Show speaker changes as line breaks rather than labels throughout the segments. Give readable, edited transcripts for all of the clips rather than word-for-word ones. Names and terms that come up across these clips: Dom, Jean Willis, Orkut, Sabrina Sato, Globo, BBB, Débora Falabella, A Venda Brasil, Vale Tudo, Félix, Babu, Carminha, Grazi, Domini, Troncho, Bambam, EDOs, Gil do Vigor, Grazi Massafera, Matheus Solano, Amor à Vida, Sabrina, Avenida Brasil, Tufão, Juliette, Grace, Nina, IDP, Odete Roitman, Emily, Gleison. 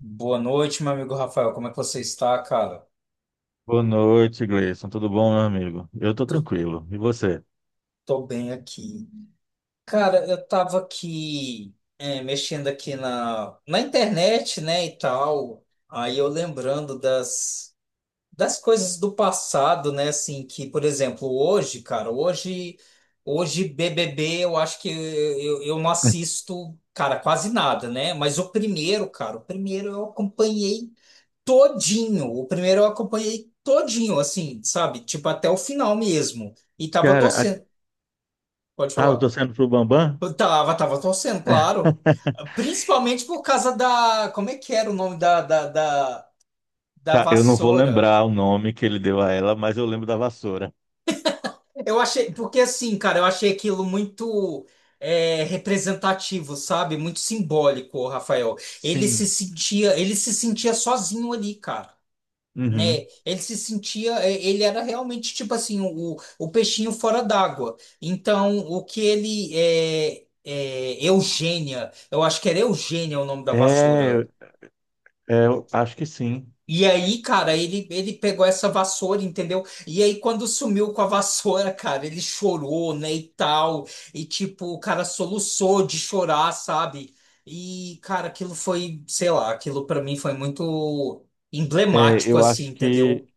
Boa noite, meu amigo Rafael. Como é que você está, cara?
Boa noite, Gleison. Tudo bom, meu amigo? Eu tô
Tô,
tranquilo. E você?
tô bem aqui. Cara, eu tava aqui mexendo aqui na internet, né, e tal. Aí eu lembrando das coisas do passado, né, assim, que, por exemplo, hoje, cara, hoje BBB, eu acho que eu não assisto, cara, quase nada, né? Mas o primeiro, cara, o primeiro eu acompanhei todinho. O primeiro eu acompanhei todinho, assim, sabe? Tipo, até o final mesmo. E tava
Cara,
torcendo. Pode
tava
falar.
torcendo pro Bambam?
Eu tava torcendo, claro. Principalmente por causa da. Como é que era o nome da
Tá, eu não vou
vassoura?
lembrar o nome que ele deu a ela, mas eu lembro da vassoura.
Eu achei. Porque assim, cara, eu achei aquilo muito. Representativo, sabe? Muito simbólico, o Rafael. Ele se
Sim.
sentia, ele se sentia sozinho ali, cara. Né?
Uhum.
Ele se sentia, ele era realmente tipo assim, o peixinho fora d'água. Então, o que ele é Eugênia, eu acho que era Eugênia o nome da vassoura.
É, é, eu acho que sim.
E aí, cara, ele pegou essa vassoura, entendeu? E aí, quando sumiu com a vassoura, cara, ele chorou, né, e tal. E, tipo, o cara soluçou de chorar, sabe? E, cara, aquilo foi, sei lá, aquilo pra mim foi muito
É,
emblemático,
eu
assim,
acho que
entendeu?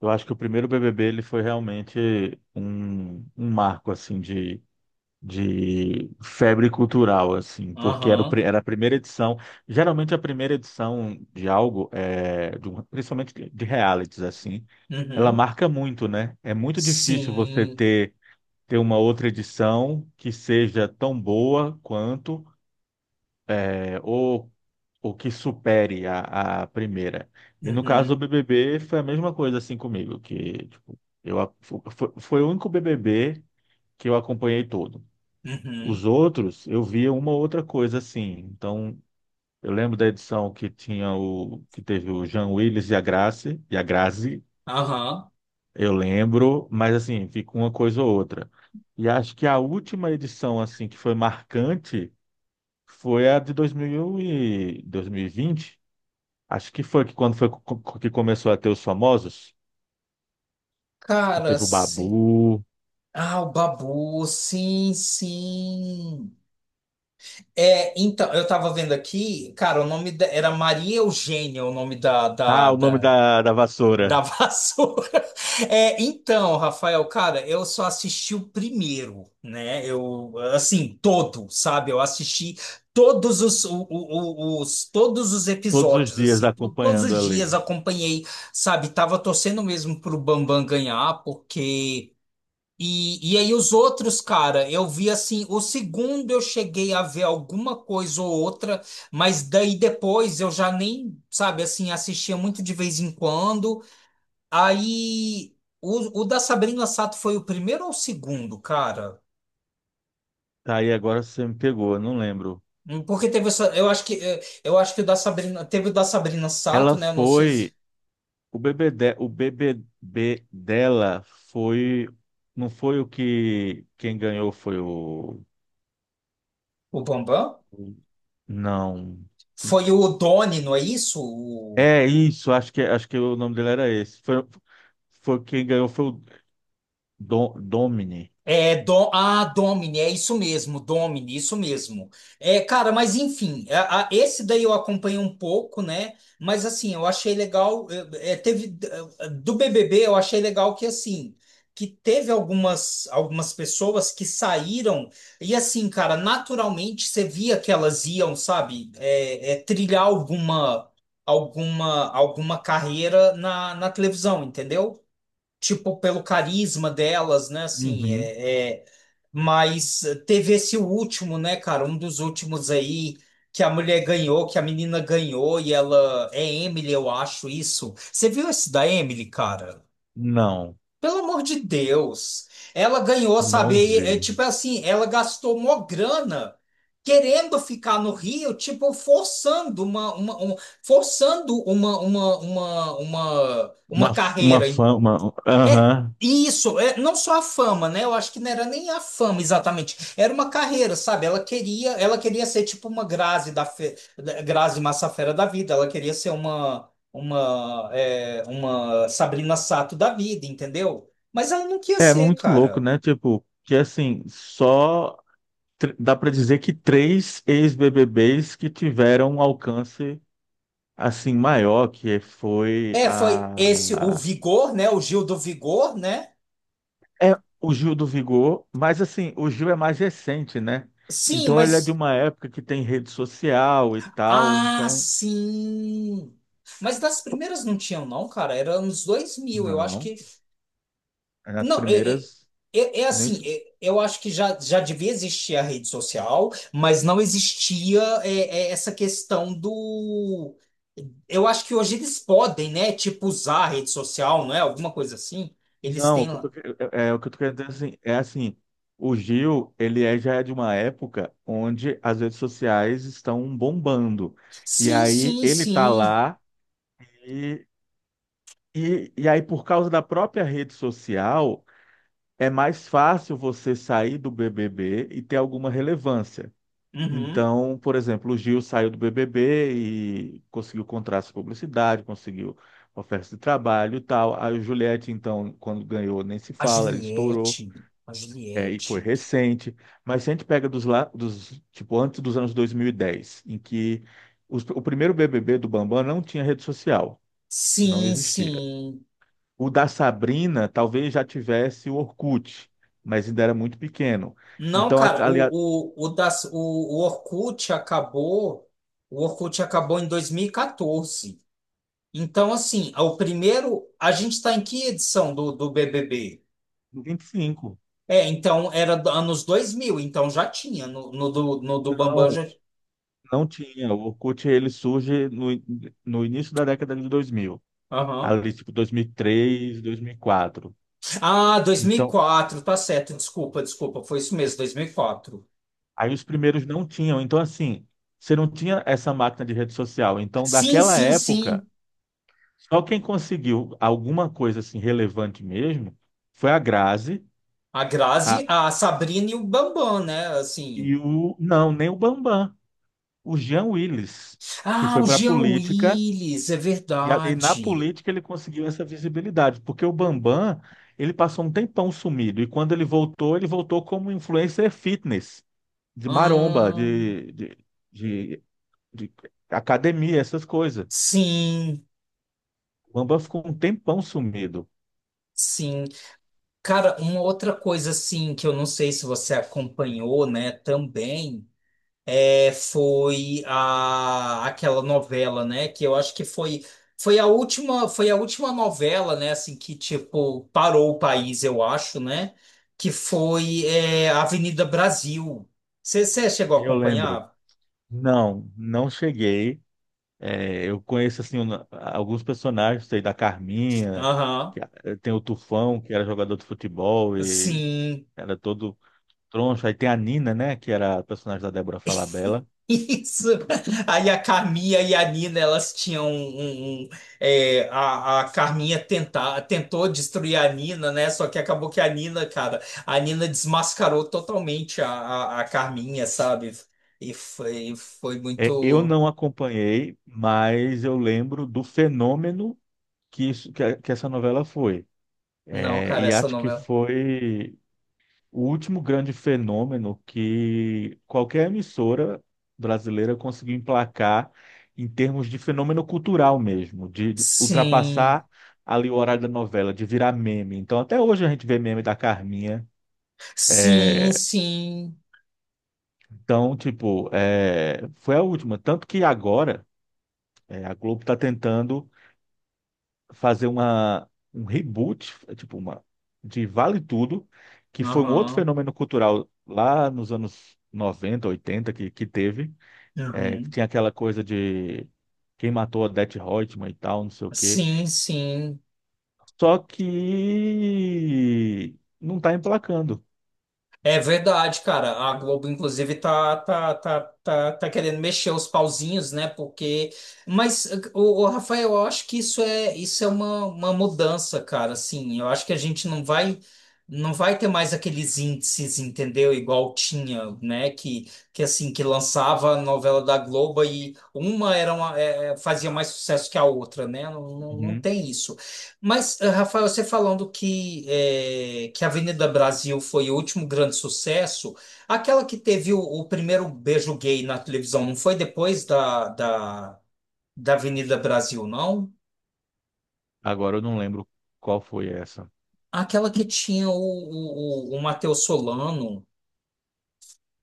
eu acho que o primeiro BBB ele foi realmente um marco assim de febre cultural, assim, porque era,
Aham.
era a primeira edição. Geralmente a primeira edição de algo, é, principalmente de realities, assim, ela
Uhum.
marca muito, né? É muito difícil você
Sim.
ter uma outra edição que seja tão boa quanto, é, ou que supere a primeira. E no caso
Uhum.
do BBB foi a mesma coisa, assim, comigo, que tipo, eu, a- fo- foi, foi o único BBB que eu acompanhei todo.
Uhum.
Os outros, eu via uma outra coisa assim. Então, eu lembro da edição que teve o Jean Willis e a Grace, e a Grazi,
Aham.
eu lembro, mas assim, fica uma coisa ou outra. E acho que a última edição assim que foi marcante foi a de 2000 e 2020. Acho que foi que quando que começou a ter os famosos, que
Cara,
teve o
sim.
Babu,
Ah, o Babu, sim, sim. É, então, eu tava vendo aqui, cara, o nome da, era Maria Eugênia, o nome da, da,
ah, o nome
da-
da
Da
vassoura,
vassoura. É, então, Rafael, cara, eu só assisti o primeiro, né? Eu, assim, todo, sabe? Eu assisti todos os, todos os
todos os
episódios,
dias
assim, todos
acompanhando
os
ali.
dias acompanhei, sabe? Tava torcendo mesmo pro Bambam ganhar, porque. E aí os outros, cara, eu vi assim, o segundo eu cheguei a ver alguma coisa ou outra, mas daí depois eu já nem, sabe, assim, assistia muito de vez em quando. Aí, o da Sabrina Sato foi o primeiro ou o segundo, cara?
Tá aí agora você me pegou, eu não lembro.
Porque teve essa, eu acho que eu acho que o da Sabrina, teve o da Sabrina Sato,
Ela
né? Não sei se
foi. O bebê, dela foi. Não foi o que. Quem ganhou foi o.
o Bambam
Não.
foi o Doni, não é isso?
É isso, acho que o nome dele era esse. Foi, foi quem ganhou foi o Domini.
É, Domini, é isso mesmo, Domini, isso mesmo. É, cara, mas enfim, esse daí eu acompanhei um pouco, né? Mas assim, eu achei legal, teve do BBB, eu achei legal que assim, que teve algumas pessoas que saíram e assim, cara, naturalmente você via que elas iam, sabe, trilhar alguma carreira na televisão, entendeu? Tipo, pelo carisma delas, né? Assim,
Uhum.
mas teve esse último, né, cara? Um dos últimos aí que a mulher ganhou, que a menina ganhou e ela é Emily, eu acho isso. Você viu esse da Emily, cara?
Não,
Pelo amor de Deus. Ela ganhou,
não
sabe? É,
vi.
tipo assim, ela gastou uma grana querendo ficar no Rio, tipo, forçando uma, um- forçando
Uma,
uma
uma
carreira,
fama.
é
Aham.
isso, é não só a fama, né? Eu acho que não era nem a fama exatamente, era uma carreira, sabe? Ela queria ser tipo uma Grazi da Grazi Massafera da vida, ela queria ser uma Sabrina Sato da vida, entendeu? Mas ela não queria
É
ser,
muito louco,
cara.
né? Tipo, que assim, só dá pra dizer que três ex-BBBs que tiveram alcance assim, maior, que foi
É, foi esse o
a...
Vigor, né? O Gil do Vigor, né?
É o Gil do Vigor, mas assim, o Gil é mais recente, né?
Sim,
Então ele é de
mas
uma época que tem rede social e tal, então...
sim. Mas das primeiras não tinham, não, cara. Era anos 2000. Eu acho
Não,
que.
é nas
Não,
primeiras...
é
Nem...
assim, eu acho que já devia existir a rede social, mas não existia essa questão do. Eu acho que hoje eles podem, né? Tipo, usar a rede social, não é? Alguma coisa assim. Eles
Não, o
têm
que eu tô,
lá.
que- é o que eu tô querendo dizer assim, é assim, o Gil, já é de uma época onde as redes sociais estão bombando. E
Sim,
aí
sim,
ele tá
sim.
lá e, e aí por causa da própria rede social, é mais fácil você sair do BBB e ter alguma relevância.
Uhum.
Então, por exemplo, o Gil saiu do BBB e conseguiu contratos de publicidade, conseguiu ofertas de trabalho e tal. A Juliette, então, quando ganhou, nem se
A
fala, ele estourou.
Juliette. A
É, e foi
Juliette.
recente, mas se a gente pega dos, tipo, antes dos anos 2010, em que o primeiro BBB do Bambam não tinha rede social, não
Sim,
existia.
sim.
O da Sabrina talvez já tivesse o Orkut, mas ainda era muito pequeno.
Não,
Então,
cara,
aliás,
o Orkut acabou. O Orkut acabou em 2014. Então, assim, o primeiro. A gente está em que edição do BBB?
25.
É, então era anos 2000, então já tinha no do Bambam
Não,
já.
não tinha. O Orkut ele surge no início da década de 2000,
Aham.
ali tipo 2003, 2004.
Ah, dois mil e
Então,
quatro tá certo, desculpa, foi isso mesmo, 2004.
aí os primeiros não tinham. Então, assim, você não tinha essa máquina de rede social. Então,
Sim,
daquela
sim,
época,
sim.
só quem conseguiu alguma coisa assim relevante mesmo foi a Grazi,
A
a,
Grazi, a Sabrina e o Bambam, né? Assim.
e o não, nem o Bambam. O Jean Willis, que
Ah,
foi
o
para a
Jean
política,
Willis, é
e na
verdade.
política ele conseguiu essa visibilidade, porque o Bambam, ele passou um tempão sumido, e quando ele voltou como influencer fitness, de maromba,
Ah,
de, de academia, essas coisas.
sim,
O Bambam ficou um tempão sumido,
sim. Cara, uma outra coisa assim que eu não sei se você acompanhou, né, também foi aquela novela, né, que eu acho que foi a última, foi a última novela, né, assim que tipo parou o país, eu acho, né, que foi Avenida Brasil. Você chegou
se
a
eu lembro.
acompanhar?
Não, não cheguei. É, eu conheço assim alguns personagens, sei da Carminha,
Aham.
que- a- tem o Tufão, que era jogador de futebol e
Sim.
era todo Troncho. Aí tem a Nina, né? Que era a personagem da Débora Falabella.
Isso. Aí a Carminha e a Nina, elas tinham a Carminha tentou destruir a Nina, né? Só que acabou que a Nina, cara, a Nina desmascarou totalmente a Carminha, sabe? E foi
É, eu
muito.
não acompanhei, mas eu lembro do fenômeno que, isso, que, a- que essa novela foi.
Não,
É,
cara,
e
essa
acho que
novela.
foi o último grande fenômeno que qualquer emissora brasileira conseguiu emplacar em termos de fenômeno cultural mesmo, de
Sim,
ultrapassar ali o horário da novela, de virar meme. Então, até hoje a gente vê meme da Carminha.
sim,
é,
sim.
Então, tipo, é, foi a última. Tanto que agora é, a Globo está tentando fazer um reboot, é, tipo, de Vale Tudo, que foi um outro
Aham.
fenômeno cultural lá nos anos 90, 80 que teve. É, que
Uhum.
tinha aquela coisa de quem matou a Odete Roitman e tal, não sei o quê.
Sim, sim.
Só que não está emplacando.
É verdade, cara. A Globo, inclusive, tá querendo mexer os pauzinhos, né? Porque. Mas, o Rafael, eu acho que isso é uma mudança, cara. Assim, eu acho que a gente não vai ter mais aqueles índices, entendeu? Igual tinha, né? Que assim, que lançava a novela da Globo e uma era uma, é, é, fazia mais sucesso que a outra, né? Não, não, não
Uhum.
tem isso. Mas, Rafael, você falando que, que a Avenida Brasil foi o último grande sucesso, aquela que teve o primeiro beijo gay na televisão, não foi depois da Avenida Brasil, não?
Agora eu não lembro qual foi essa.
Aquela que tinha o Matheus Solano.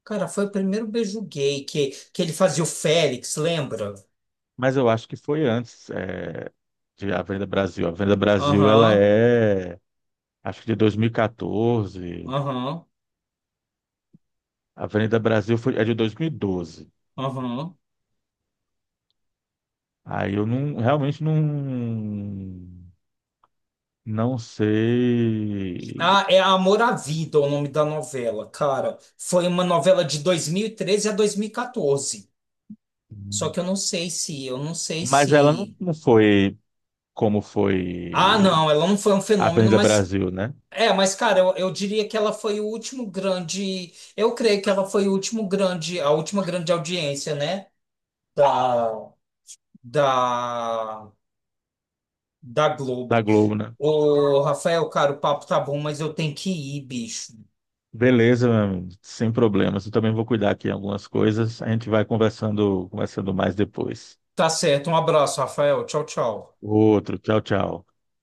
Cara, foi o primeiro beijo gay que ele fazia o Félix, lembra?
Mas eu acho que foi antes de A Venda Brasil. A Venda Brasil, ela
Aham,
é, acho que de 2014.
aham,
A Venda Brasil foi, é de 2012.
aham.
Aí eu não, realmente não, não sei.
Ah, é Amor à Vida o nome da novela, cara. Foi uma novela de 2013 a 2014. Só que eu não sei se, eu não sei
Mas ela não,
se.
não foi como
Ah,
foi
não, ela não foi um
A
fenômeno,
Venda
mas.
Brasil, né?
É, mas, cara, eu diria que ela foi o último grande. Eu creio que ela foi o último grande, a última grande audiência, né? Da, da, da
Da
Globo.
Globo, né?
Ô, Rafael, cara, o papo tá bom, mas eu tenho que ir, bicho.
Beleza, meu amigo, sem problemas. Eu também vou cuidar aqui em algumas coisas. A gente vai conversando, conversando mais depois.
Tá certo, um abraço, Rafael. Tchau, tchau.
Outro, tchau, tchau.